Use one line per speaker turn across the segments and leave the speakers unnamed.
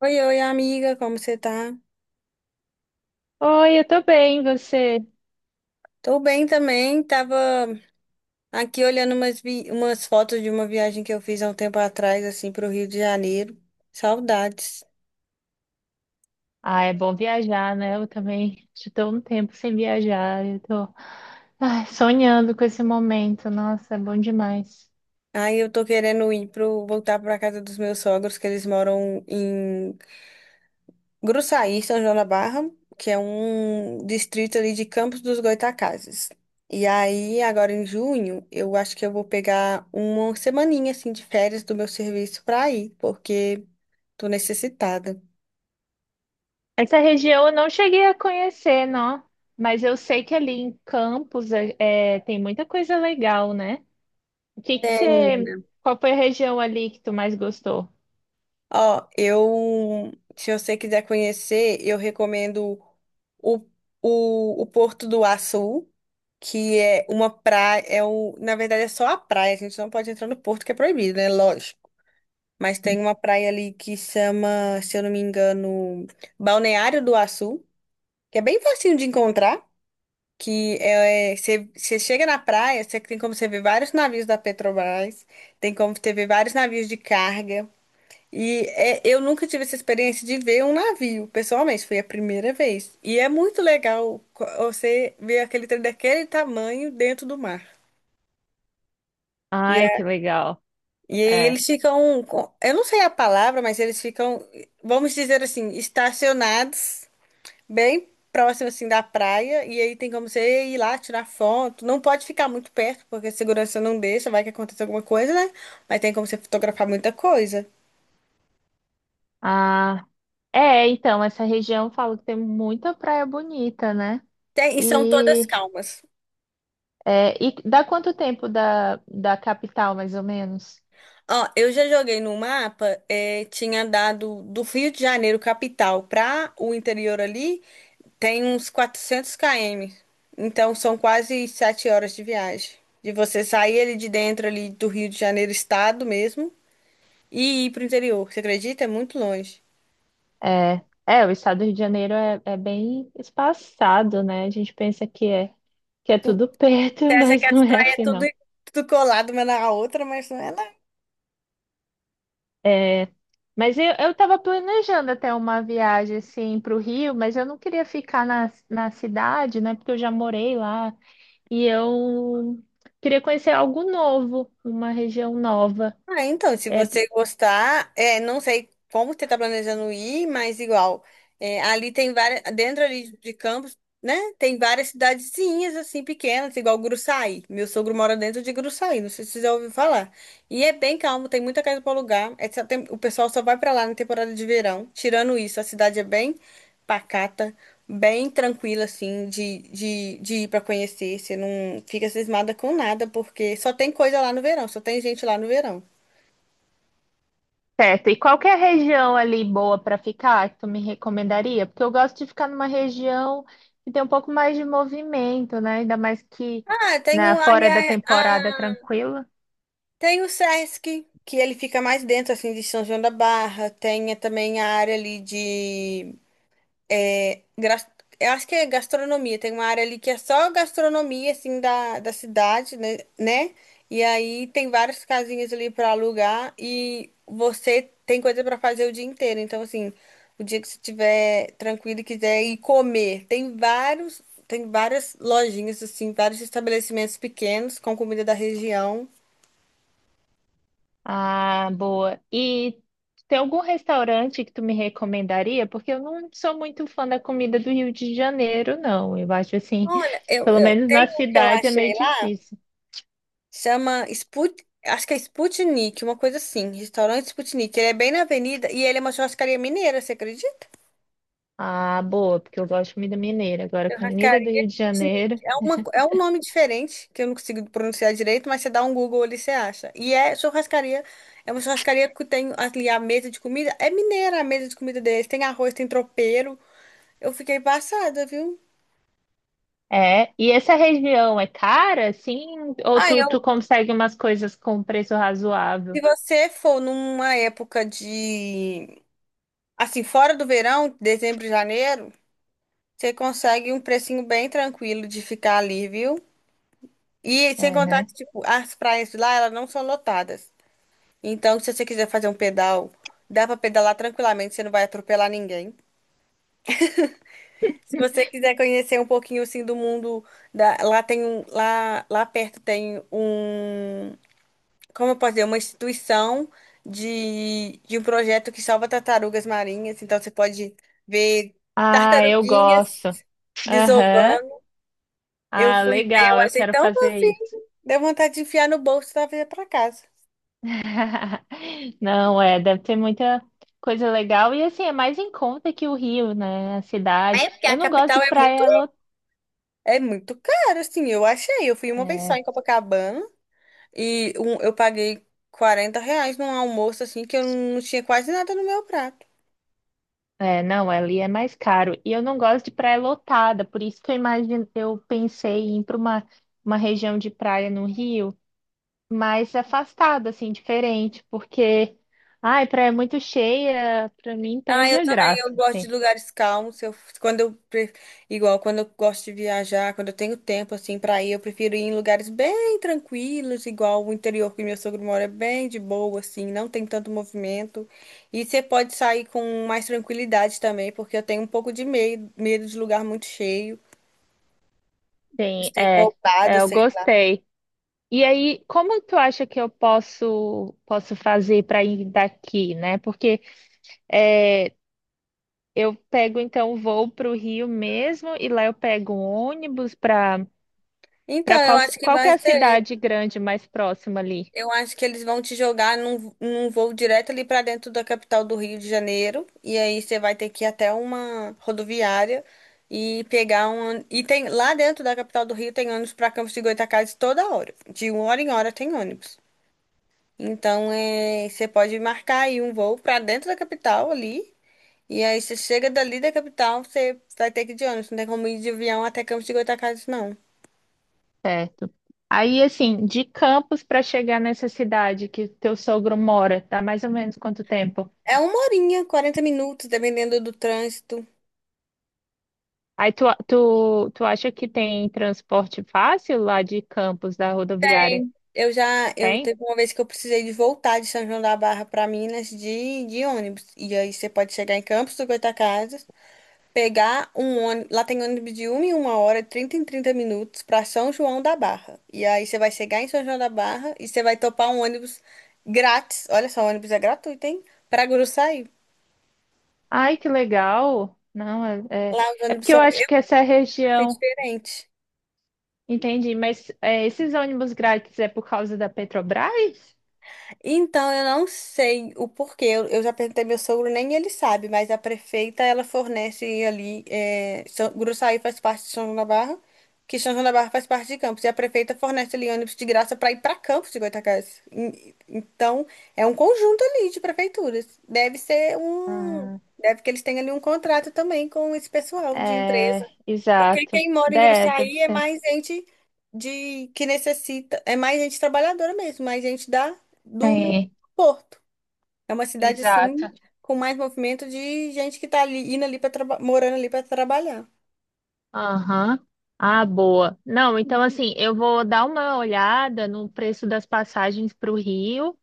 Oi, oi, amiga, como você tá?
Oi, eu tô bem, e você?
Tô bem também, tava aqui olhando umas fotos de uma viagem que eu fiz há um tempo atrás, assim, pro Rio de Janeiro. Saudades.
Ah, é bom viajar, né? Eu também já tô um tempo sem viajar, eu tô ai, sonhando com esse momento, nossa, é bom demais.
Aí eu tô querendo ir voltar pra casa dos meus sogros, que eles moram em Gruçaí, São João da Barra, que é um distrito ali de Campos dos Goytacazes. E aí, agora em junho, eu acho que eu vou pegar uma semaninha, assim, de férias do meu serviço pra ir, porque tô necessitada.
Essa região eu não cheguei a conhecer, não, mas eu sei que ali em Campos é, tem muita coisa legal, né? O que que
É,
você,
menina.
qual foi a região ali que tu mais gostou?
Ó, eu, se você quiser conhecer, eu recomendo o, o Porto do Açu, que é uma praia, na verdade é só a praia, a gente não pode entrar no porto que é proibido, né? Lógico. Mas tem uma praia ali que chama, se eu não me engano, Balneário do Açu, que é bem facinho de encontrar, que é, você chega na praia, você tem como você ver vários navios da Petrobras, tem como você ver vários navios de carga. E é, eu nunca tive essa experiência de ver um navio, pessoalmente, foi a primeira vez. E é muito legal você ver aquele trem daquele tamanho dentro do mar. E,
Ai, que
a-
legal,
e aí
é.
eles ficam, eu não sei a palavra, mas eles ficam, vamos dizer assim, estacionados bem próximo assim da praia. E aí tem como você ir lá tirar foto. Não pode ficar muito perto, porque a segurança não deixa, vai que acontece alguma coisa, né? Mas tem como você fotografar muita coisa.
Ah, é, então, essa região eu falo que tem muita praia bonita, né?
Tem, e são todas
E
calmas.
é, e dá quanto tempo da capital, mais ou menos?
Ó, eu já joguei no mapa, tinha dado do Rio de Janeiro, capital, para o interior ali, tem uns 400 km. Então são quase 7 horas de viagem. De você sair ali de dentro ali do Rio de Janeiro, estado mesmo, e ir pro interior. Você acredita? É muito longe.
É, é, o estado do Rio de Janeiro é bem espaçado, né? A gente pensa que que é
Tu,
tudo perto,
você acha que
mas
as
não é
praias é
assim,
tudo,
não.
tudo colado uma na outra, mas não é.
É, mas eu estava planejando até uma viagem, assim, para o Rio, mas eu não queria ficar na cidade, né? Porque eu já morei lá e eu queria conhecer algo novo, uma região nova.
Ah, então, se
É,
você gostar, não sei como você está planejando ir, mas igual, ali tem várias, dentro ali de Campos, né, tem várias cidadezinhas, assim, pequenas, igual Gruçaí. Meu sogro mora dentro de Gruçaí, não sei se você já ouviu falar. E é bem calmo, tem muita casa para alugar, o pessoal só vai para lá na temporada de verão. Tirando isso, a cidade é bem pacata, bem tranquila, assim, de ir para conhecer. Você não fica cismada com nada, porque só tem coisa lá no verão, só tem gente lá no verão.
certo. E qual que é a região ali boa para ficar que tu me recomendaria? Porque eu gosto de ficar numa região que tem um pouco mais de movimento, né? Ainda mais que
Ah, tem
na
o,
fora da
aliás,
temporada
ah,
tranquila.
tem o Sesc, que ele fica mais dentro, assim, de São João da Barra. Tem também a área ali de é, gra- eu acho que é gastronomia. Tem uma área ali que é só gastronomia, assim, da cidade, né? Né? E aí tem várias casinhas ali para alugar e você tem coisa para fazer o dia inteiro. Então, assim, o dia que você estiver tranquilo e quiser ir comer, tem várias lojinhas, assim, vários estabelecimentos pequenos com comida da região.
Ah, boa. E tem algum restaurante que tu me recomendaria? Porque eu não sou muito fã da comida do Rio de Janeiro, não. Eu acho assim,
Olha, eu,
pelo
eu
menos na
tenho um que eu
cidade é meio
achei lá.
difícil.
Chama Sput... Acho que é Sputnik, uma coisa assim. Restaurante Sputnik. Ele é bem na avenida e ele é uma churrascaria mineira, você acredita?
Ah, boa, porque eu gosto de comida mineira. Agora, comida do
Churrascaria
Rio de
Sputnik.
Janeiro.
É um nome diferente, que eu não consigo pronunciar direito, mas você dá um Google ali, você acha. E é churrascaria. É uma churrascaria que tem ali a mesa de comida. É mineira a mesa de comida deles. Tem arroz, tem tropeiro. Eu fiquei passada, viu?
É, e essa região é cara, assim? Ou
Ah,
tu
eu.
consegue umas coisas com preço
Se
razoável?
você for numa época de. Assim, fora do verão, dezembro, janeiro. Você consegue um precinho bem tranquilo de ficar ali, viu? E sem
É,
contar
né?
que, tipo, as praias de lá, elas não são lotadas. Então, se você quiser fazer um pedal, dá pra pedalar tranquilamente, você não vai atropelar ninguém. Se você quiser conhecer um pouquinho, assim, do mundo, lá tem um, lá perto tem um, como eu posso dizer, uma instituição de um projeto que salva tartarugas marinhas. Então, você pode ver
Ah, eu
tartaruguinhas
gosto. Aham.
desovando. Eu
Ah,
fui ver,
legal,
eu
eu
achei
quero
tão.
fazer isso.
Deu vontade de enfiar no bolso e trazer pra casa.
Não, é, deve ter muita coisa legal. E assim, é mais em conta que o Rio, né? A cidade.
É, porque a
Eu não gosto de
capital é muito.
praia lotada.
É muito caro, assim, eu achei. Eu fui uma vez só
É,
em Copacabana e eu paguei R$ 40 num almoço, assim, que eu não tinha quase nada no meu prato.
é, não, ali é mais caro. E eu não gosto de praia lotada, por isso que eu imagino, eu pensei em ir para uma região de praia no Rio, mais afastada, assim, diferente, porque, ai, praia muito cheia, pra mim
Ah,
perde
eu
a
também,
graça,
eu gosto de
assim.
lugares calmos. Eu, quando eu, pre- igual, quando eu gosto de viajar, quando eu tenho tempo assim pra ir, eu prefiro ir em lugares bem tranquilos, igual o interior que meu sogro mora é bem de boa assim, não tem tanto movimento. E você pode sair com mais tranquilidade também, porque eu tenho um pouco de medo, medo de lugar muito cheio, de
Sim,
ser
é, é,
roubada,
eu
sei lá.
gostei. E aí, como tu acha que eu posso fazer para ir daqui, né? Porque é, eu pego então o voo para o Rio mesmo e lá eu pego um ônibus para
Então, eu
qual
acho que
que
vai
é a
ser.
cidade grande mais próxima ali?
Eu acho que eles vão te jogar num voo direto ali pra dentro da capital do Rio de Janeiro. E aí você vai ter que ir até uma rodoviária e pegar um. E tem lá dentro da capital do Rio tem ônibus pra Campos de Goytacazes toda hora. De uma hora em hora tem ônibus. Então você pode marcar aí um voo pra dentro da capital ali. E aí você chega dali da capital, você vai ter que ir de ônibus. Não tem como ir de avião até Campos de Goytacazes, não.
Certo. Aí, assim, de Campos para chegar nessa cidade que teu sogro mora, tá mais ou menos quanto tempo?
É uma horinha, 40 minutos, dependendo do trânsito.
Aí tu acha que tem transporte fácil lá de Campos, da rodoviária?
Eu já, eu
Tem?
teve uma vez que eu precisei de voltar de São João da Barra para Minas de ônibus. E aí você pode chegar em Campos do Goytacazes, pegar um ônibus, lá tem ônibus de uma em uma hora, de 30 em 30 minutos para São João da Barra. E aí você vai chegar em São João da Barra e você vai topar um ônibus grátis. Olha só, o ônibus é gratuito, hein? Para Guruçaí.
Ai, que legal! Não, é, é,
Lá os
é
ônibus
porque eu
são,
acho
eu
que essa
achei
região,
diferente.
entendi, mas é, esses ônibus grátis é por causa da Petrobras?
Então, eu não sei o porquê. Eu já perguntei meu sogro, nem ele sabe, mas a prefeita, ela fornece ali. Gruçaí faz parte de São João da Barra, que São João da Barra faz parte de Campos. E a prefeita fornece ali ônibus de graça para ir para Campos de Goytacazes. Então, é um conjunto ali de prefeituras. Deve ser um.
Ah,
Deve que eles têm ali um contrato também com esse pessoal de
é,
empresa. Porque
exato.
quem mora em
Deve, deve
Gruçaí é
ser.
mais gente de que necessita, é mais gente trabalhadora mesmo, mais gente da do
Tem,
Porto. É uma cidade
exato.
assim com mais movimento de gente que tá ali indo ali para morando ali para trabalhar.
Aham. Ah, boa. Não, então assim, eu vou dar uma olhada no preço das passagens para o Rio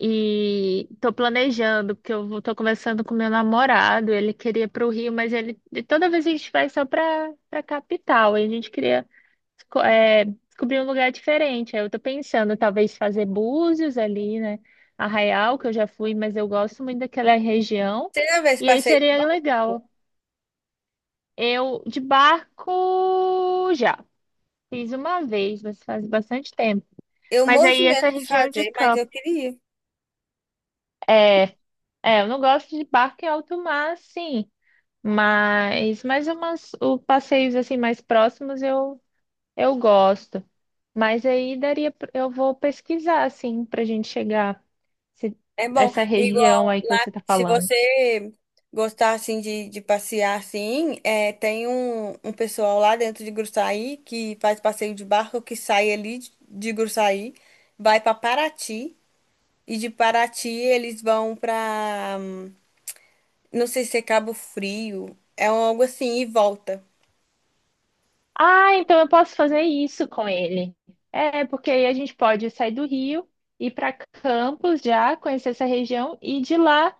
e tô planejando, porque eu vou- tô conversando com meu namorado, ele queria para o Rio, mas ele e toda vez a gente vai só para capital, e a gente queria esco- é, descobrir um lugar diferente. Aí eu tô pensando talvez fazer Búzios ali, né? Arraial, que eu já fui, mas eu gosto muito daquela região.
Você já vê esse
E aí
passeio de
seria
barco?
legal. Eu de barco já. Fiz uma vez, mas faz bastante tempo.
Eu
Mas
morro de
aí
medo
essa
de
região de
fazer, mas eu
campo
queria.
é, é, eu não gosto de barco em alto mar, sim, mas mais umas o passeios assim mais próximos eu gosto. Mas aí daria, pra- eu vou pesquisar assim pra gente chegar. Se-
É bom.
essa
E
região aí que você está
Se
falando.
você gostar assim de passear assim, tem um pessoal lá dentro de Gruçaí que faz passeio de barco que sai ali de Gruçaí, vai para Paraty e de Paraty eles vão para não sei se é Cabo Frio, é algo assim e volta.
Ah, então eu posso fazer isso com ele. É, porque aí a gente pode sair do Rio, ir para Campos já, conhecer essa região e de lá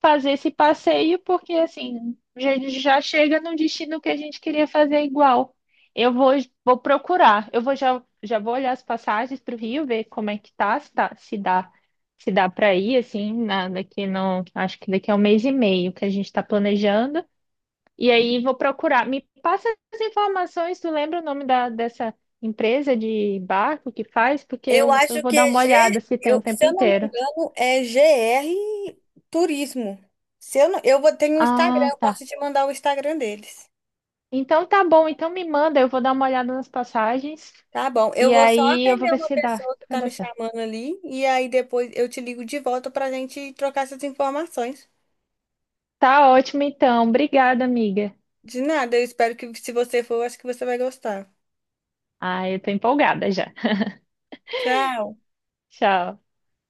fazer esse passeio, porque assim, já, já chega no destino que a gente queria fazer igual. Eu vou, vou procurar, eu vou já, já vou olhar as passagens para o Rio, ver como é que tá, se dá, se dá para ir, assim, na, daqui não, acho que daqui a um mês e meio que a gente está planejando. E aí vou procurar. Me passa as informações, tu lembra o nome dessa empresa de barco que faz? Porque
Eu
eu
acho
vou
que
dar
é
uma olhada se tem o
Eu, se
tempo
eu não me
inteiro.
engano, é GR Turismo. Se eu, não, tenho um Instagram.
Ah,
Eu
tá.
posso te mandar o Instagram deles.
Então tá bom, então me manda, eu vou dar uma olhada nas passagens
Tá bom. Eu
e
vou só
aí eu vou
atender
ver
uma
se dá,
pessoa que
vai
tá
dar
me
certo.
chamando ali e aí depois eu te ligo de volta pra gente trocar essas informações.
Tá ótimo então, obrigada, amiga.
De nada, eu espero que se você for, eu acho que você vai gostar.
Ah, eu tô empolgada já.
Tchau.
Tchau.